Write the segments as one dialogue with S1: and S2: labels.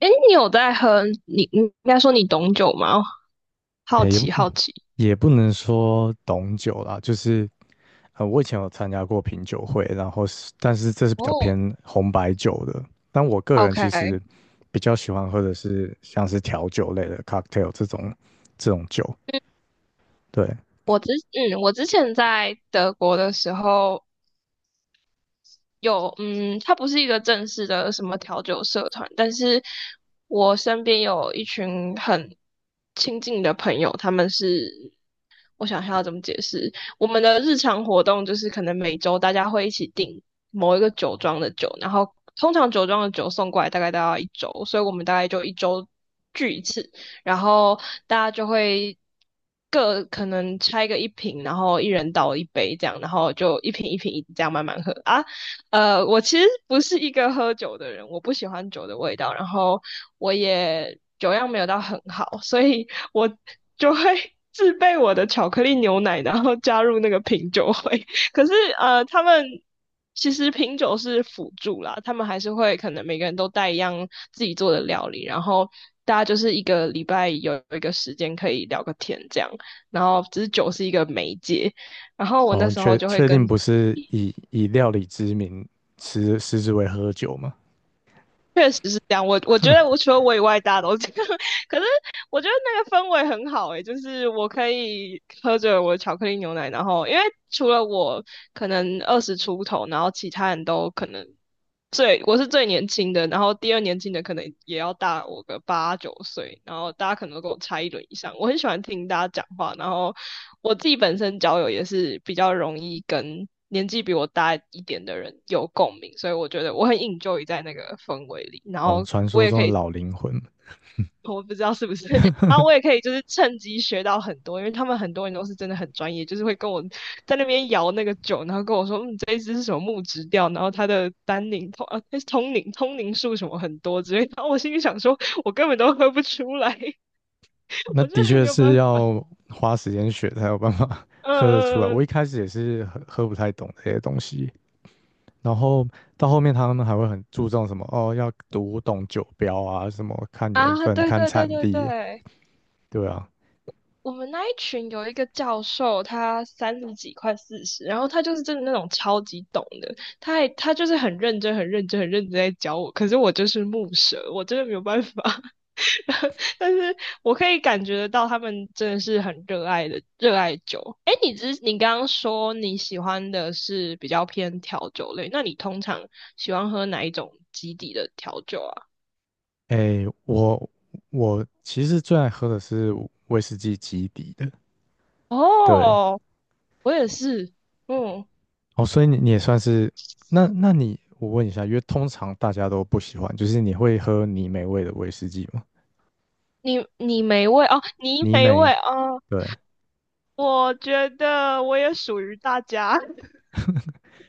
S1: 哎，你有在喝？你应该说你懂酒吗？好
S2: 诶，也不
S1: 奇好奇。
S2: 能说懂酒啦，就是我以前有参加过品酒会，然后是，但是这是比较
S1: 哦，
S2: 偏红白酒的。但我个人
S1: OK，
S2: 其
S1: 嗯，
S2: 实比较喜欢喝的是像是调酒类的 cocktail 这种酒，对。
S1: 我之前在德国的时候有，嗯，它不是一个正式的什么调酒社团，但是我身边有一群很亲近的朋友，他们是我想一下要怎么解释。我们的日常活动就是可能每周大家会一起订某一个酒庄的酒，然后通常酒庄的酒送过来大概都要一周，所以我们大概就一周聚一次，然后大家就会各可能拆个一瓶，然后一人倒一杯这样，然后就一瓶一瓶一直这样慢慢喝啊。我其实不是一个喝酒的人，我不喜欢酒的味道，然后我也酒量没有到很好，所以我就会自备我的巧克力牛奶，然后加入那个品酒会。可是他们其实品酒是辅助啦，他们还是会可能每个人都带一样自己做的料理，然后大家就是一个礼拜有一个时间可以聊个天这样，然后只是酒是一个媒介，然后我
S2: 然
S1: 那
S2: 后
S1: 时候
S2: 确
S1: 就会
S2: 确定
S1: 跟
S2: 不是以料理之名食之为喝酒嘛？
S1: 这样。我我觉得我除了我以外，大家都这样。可是我觉得那个氛围很好诶、欸就是我可以喝着我的巧克力牛奶，然后因为除了我可能二十出头，然后其他人都可能最我是最年轻的，然后第二年轻的可能也要大我个八九岁，然后大家可能都跟我差一轮以上。我很喜欢听大家讲话，然后我自己本身交友也是比较容易跟年纪比我大一点的人有共鸣，所以我觉得我很 enjoy 在那个氛围里，然
S2: 哦，
S1: 后
S2: 传
S1: 我
S2: 说
S1: 也
S2: 中
S1: 可
S2: 的
S1: 以，
S2: 老灵魂，
S1: 我不知道是不是，然后我也可以就是趁机学到很多，因为他们很多人都是真的很专业，就是会跟我在那边摇那个酒，然后跟我说，嗯，这一支是什么木质调，然后它的单宁通啊，它是通宁通宁数什么很多之类的，然后我心里想说，我根本都喝不出来，
S2: 那
S1: 我
S2: 的
S1: 真的
S2: 确
S1: 没有
S2: 是
S1: 办法，
S2: 要花时间学才有办法
S1: 嗯、
S2: 喝得出来。我
S1: 呃，
S2: 一开始也是喝不太懂这些东西。然后到后面他们还会很注重什么哦，要读懂酒标啊，什么看年
S1: 啊，
S2: 份、
S1: 对
S2: 看
S1: 对对
S2: 产
S1: 对
S2: 地，
S1: 对。
S2: 对啊。
S1: 我们那一群有一个教授，他三十几快四十，然后他就是真的那种超级懂的，他就是很认真、很认真、很认真在教我，可是我就是木蛇，我真的没有办法。但是我可以感觉得到，他们真的是很热爱的热爱酒。哎，你刚刚说你喜欢的是比较偏调酒类，那你通常喜欢喝哪一种基底的调酒啊？
S2: 哎，我其实最爱喝的是威士忌基底的，对。
S1: 哦，我也是，嗯。
S2: 哦，所以你也算是那你我问一下，因为通常大家都不喜欢，就是你会喝泥煤味的威士忌吗？
S1: 你
S2: 泥
S1: 没
S2: 煤，
S1: 味哦，
S2: 对，
S1: 我觉得我也属于大家。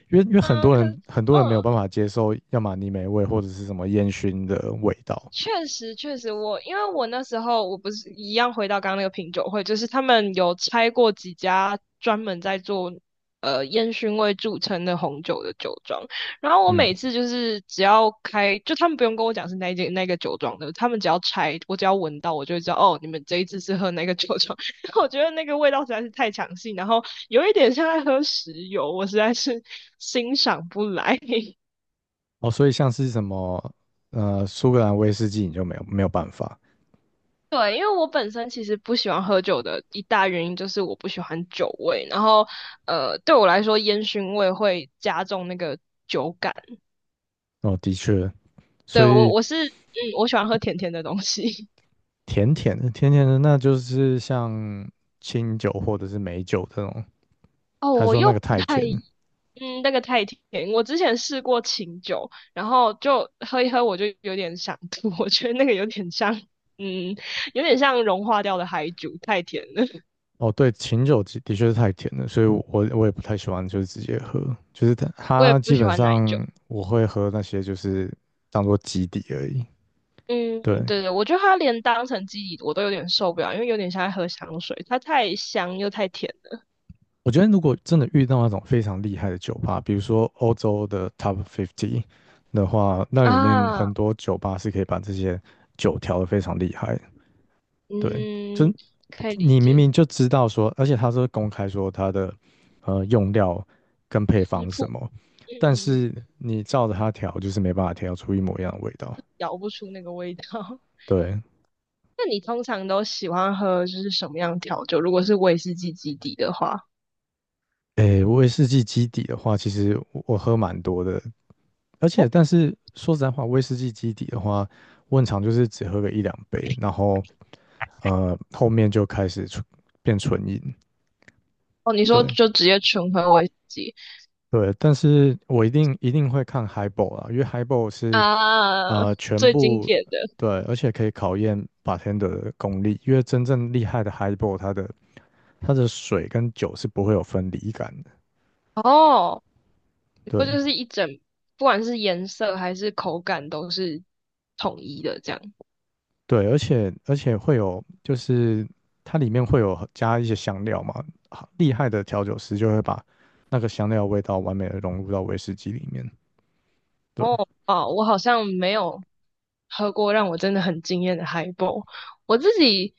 S2: 因为很
S1: 嗯，
S2: 多
S1: 可
S2: 人
S1: 嗯，
S2: 没有办法接受，要么泥煤味或者是什么烟熏的味道，
S1: 确实，确实我，因为我那时候我不是一样回到刚刚那个品酒会，就是他们有拆过几家专门在做烟熏味著称的红酒的酒庄，然后我
S2: 嗯。
S1: 每次就是只要开，就他们不用跟我讲是哪一间那个酒庄的，他们只要拆，我只要闻到，我就会知道哦，你们这一次是喝那个酒庄。我觉得那个味道实在是太强性，然后有一点像在喝石油，我实在是欣赏不来。
S2: 哦，所以像是什么苏格兰威士忌，你就没有办法。
S1: 对，因为我本身其实不喜欢喝酒的一大原因就是我不喜欢酒味，然后对我来说烟熏味会加重那个酒感。
S2: 哦，的确，
S1: 对，
S2: 所
S1: 我
S2: 以
S1: 我是嗯，我喜欢喝甜甜的东西。
S2: 甜甜的，那就是像清酒或者是美酒这种。
S1: 哦，
S2: 他
S1: 我
S2: 说那
S1: 又
S2: 个
S1: 不
S2: 太
S1: 太
S2: 甜了。
S1: 嗯，那个太甜。我之前试过清酒，然后就喝一喝，我就有点想吐，我觉得那个有点像嗯，有点像融化掉的海酒，太甜了。
S2: 哦，对，清酒的的确是太甜了，所以我也不太喜欢，就是直接喝，就是它
S1: 我也
S2: 它
S1: 不
S2: 基
S1: 喜
S2: 本
S1: 欢奶酒。
S2: 上我会喝那些就是当做基底而已。
S1: 嗯，
S2: 对，
S1: 对对，我觉得它连当成基底我都有点受不了，因为有点像在喝香水，它太香又太甜了
S2: 我觉得如果真的遇到那种非常厉害的酒吧，比如说欧洲的 Top 50的话，那里面
S1: 啊。
S2: 很多酒吧是可以把这些酒调得非常厉害的。对，就
S1: 嗯，可以理
S2: 你
S1: 解，
S2: 明明就知道说，而且他是公开说他的用料跟配方
S1: 食
S2: 是什
S1: 谱，
S2: 么，但
S1: 嗯，
S2: 是你照着它调，就是没办法调出一模一样的味道。
S1: 咬不出那个味道。
S2: 对，
S1: 那你通常都喜欢喝就是什么样的调酒？如果是威士忌基底的话，
S2: 诶，威士忌基底的话，其实我喝蛮多的，而
S1: 哦，
S2: 且，但是说实在话，威士忌基底的话，我很常就是只喝个一两杯，然后后面就开始变纯饮。
S1: 哦，你说
S2: 对
S1: 就直接纯喝威士忌
S2: 对，但是我一定一定会看 highball 啊，因为 highball 是
S1: 啊，
S2: 呃全
S1: 最经
S2: 部
S1: 典的
S2: 对，而且可以考验 bartender 的功力，因为真正厉害的 highball 它的水跟酒是不会有分离感的。
S1: 哦，你说
S2: 对，
S1: 就是一整，不管是颜色还是口感都是统一的这样。
S2: 对，而且会有，就是它里面会有加一些香料嘛，好厉害的调酒师就会把那个香料的味道完美的融入到威士忌里面。
S1: 哦，
S2: 对，
S1: 哦，我好像没有喝过让我真的很惊艳的 h i g h b 我自己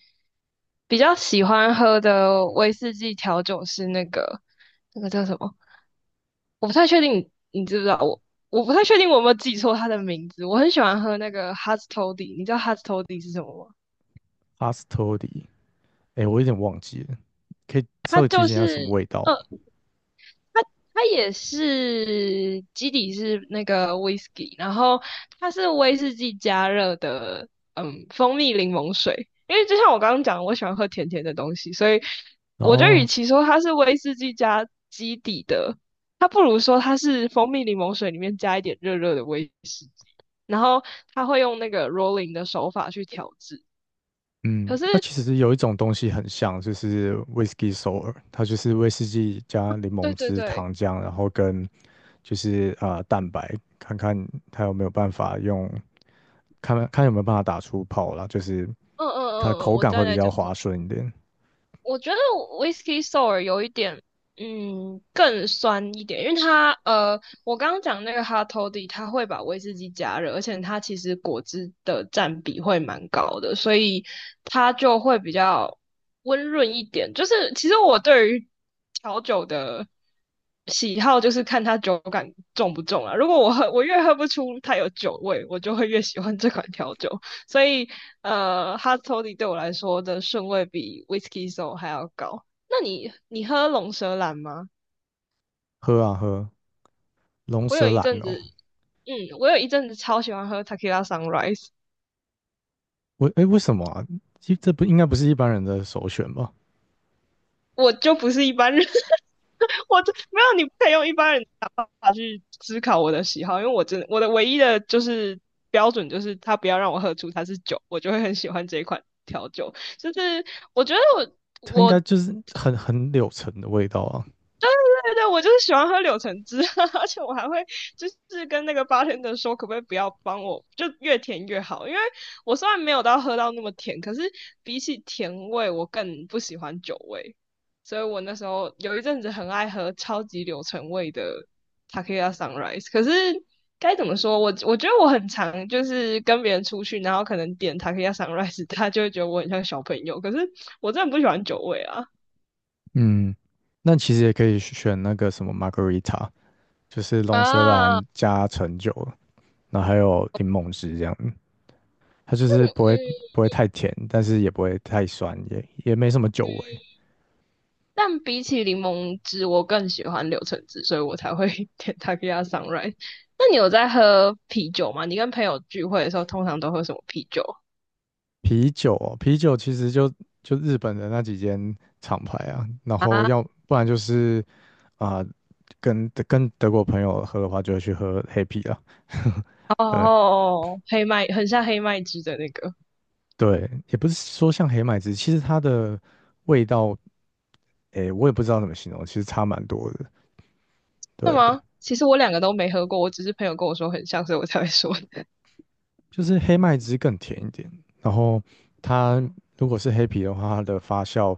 S1: 比较喜欢喝的威士忌调酒是那个那个叫什么？我不太确定你，知不知道我？我不太确定我有没有记错它的名字。我很喜欢喝那个 Hastody，你知道 Hastody 是什么吗？
S2: 阿斯托 o d, 哎，诶我有点忘记了，可以稍
S1: 它
S2: 微提
S1: 就
S2: 醒一下
S1: 是
S2: 什么味道
S1: 呃。
S2: 吗？
S1: 它也是基底是那个威士忌，然后它是威士忌加热的，嗯，蜂蜜柠檬水。因为就像我刚刚讲，我喜欢喝甜甜的东西，所以
S2: 然
S1: 我觉得
S2: 后，
S1: 与其说它是威士忌加基底的，它不如说它是蜂蜜柠檬水里面加一点热热的威士忌，然后它会用那个 rolling 的手法去调制。
S2: 嗯，
S1: 可是，
S2: 那其实有一种东西很像，就是 Whisky Sour,它就是威士忌加柠檬
S1: 对对
S2: 汁、
S1: 对，
S2: 糖浆，然后跟就是蛋白，看看它有没有办法用，有没有办法打出泡啦，就是
S1: 嗯
S2: 它的
S1: 嗯嗯嗯，
S2: 口
S1: 我
S2: 感
S1: 知道
S2: 会
S1: 你
S2: 比
S1: 在
S2: 较
S1: 讲什么。
S2: 滑顺一点。
S1: 我觉得 Whisky Sour 有一点，更酸一点，因为它，我刚刚讲那个 Hot Toddy，它会把威士忌加热，而且它其实果汁的占比会蛮高的，所以它就会比较温润一点。就是其实我对于调酒的喜好，就是看它酒感重不重啊。如果我喝，我越喝不出它有酒味，我就会越喜欢这款调酒。所以Hard Toddy 对我来说的顺位比 Whisky Sour 还要高。那你喝龙舌兰吗？
S2: 喝啊喝，龙
S1: 我有
S2: 舌
S1: 一
S2: 兰
S1: 阵子，
S2: 哦，
S1: 嗯，我有一阵子超喜欢喝 Tequila Sunrise，
S2: 我哎为什么啊？其这不应该不是一般人的首选吧？
S1: 我就不是一般人。我就没有，你不可以用一般人的法去思考我的喜好，因为我真的我的唯一的就是标准就是他不要让我喝出它是酒，我就会很喜欢这一款调酒。就是我觉得
S2: 它
S1: 我
S2: 应该
S1: 我
S2: 就是很柳橙的味道啊。
S1: 对对，我就是喜欢喝柳橙汁，而且我还会就是跟那个八天的说，可不可以不要帮我，就越甜越好，因为我虽然没有到喝到那么甜，可是比起甜味，我更不喜欢酒味，所以我那时候有一阵子很爱喝超级柳橙味的 t a k i y a Sunrise，可是。该怎么说？我觉得我很常就是跟别人出去，然后可能点 t a k i y a Sunrise，他就会觉得我很像小朋友。可是我真的不喜欢酒味啊。
S2: 嗯，那其实也可以选那个什么 margarita,就是龙舌
S1: 啊，
S2: 兰加橙酒，然后还有柠檬汁这样。它就是不会太甜，但是也不会太酸，也没什么酒
S1: 嗯，
S2: 味。
S1: 但比起柠檬汁，我更喜欢柳橙汁，所以我才会 点 t e q u i a Sunrise。那你有在喝啤酒吗？你跟朋友聚会的时候，通常都喝什么啤酒
S2: 啤酒哦，啤酒其实就日本的那几间厂牌啊，然后
S1: 啊？
S2: 要不然就是啊、跟德国朋友喝的话，就会去喝黑啤了。
S1: 哦，
S2: 对
S1: 哦哦，黑麦，很像黑麦汁的那个，
S2: 对，也不是说像黑麦汁，其实它的味道，诶，我也不知道怎么形容，其实差蛮多的。
S1: 是
S2: 对，
S1: 吗？其实我两个都没喝过，我只是朋友跟我说很像，所以我才会说的。
S2: 就是黑麦汁更甜一点，然后它如果是黑啤的话，它的发酵，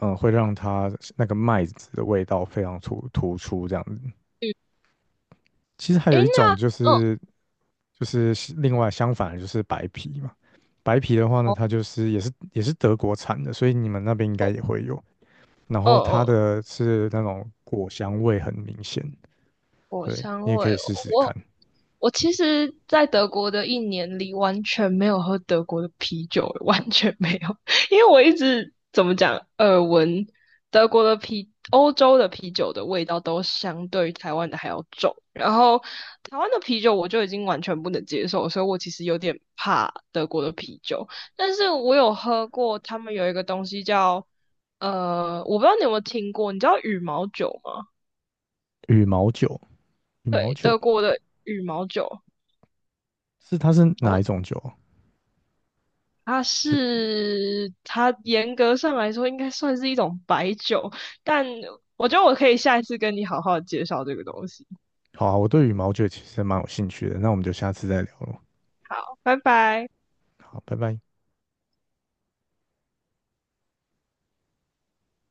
S2: 会让它那个麦子的味道非常突出这样子。
S1: 嗯，
S2: 其实还有
S1: 诶，
S2: 一种
S1: 那，
S2: 就
S1: 嗯，
S2: 是另外相反的就是白啤嘛，白啤的话呢，
S1: 哦，
S2: 它就是也是德国产的，所以你们那边应该也会有。然
S1: 哦，
S2: 后它
S1: 哦，
S2: 的是那种果香味很明显，
S1: 果
S2: 对，
S1: 香
S2: 你也
S1: 味
S2: 可以试
S1: 哦，
S2: 试看。
S1: 我其实，在德国的一年里，完全没有喝德国的啤酒，完全没有，因为我一直怎么讲，耳闻德国的啤、欧洲的啤酒的味道都相对于台湾的还要重，然后台湾的啤酒我就已经完全不能接受，所以我其实有点怕德国的啤酒，但是我有喝过他们有一个东西叫，我不知道你有没有听过，你知道羽毛酒吗？
S2: 羽毛酒，羽毛酒
S1: 德国的羽毛酒。
S2: 是它是
S1: 哦，
S2: 哪一种酒啊，其实
S1: 它严格上来说应该算是一种白酒，但我觉得我可以下一次跟你好好地介绍这个东西。
S2: 好啊，我对羽毛酒其实蛮有兴趣的，那我们就下次再聊了。
S1: 拜拜。
S2: 好，拜拜。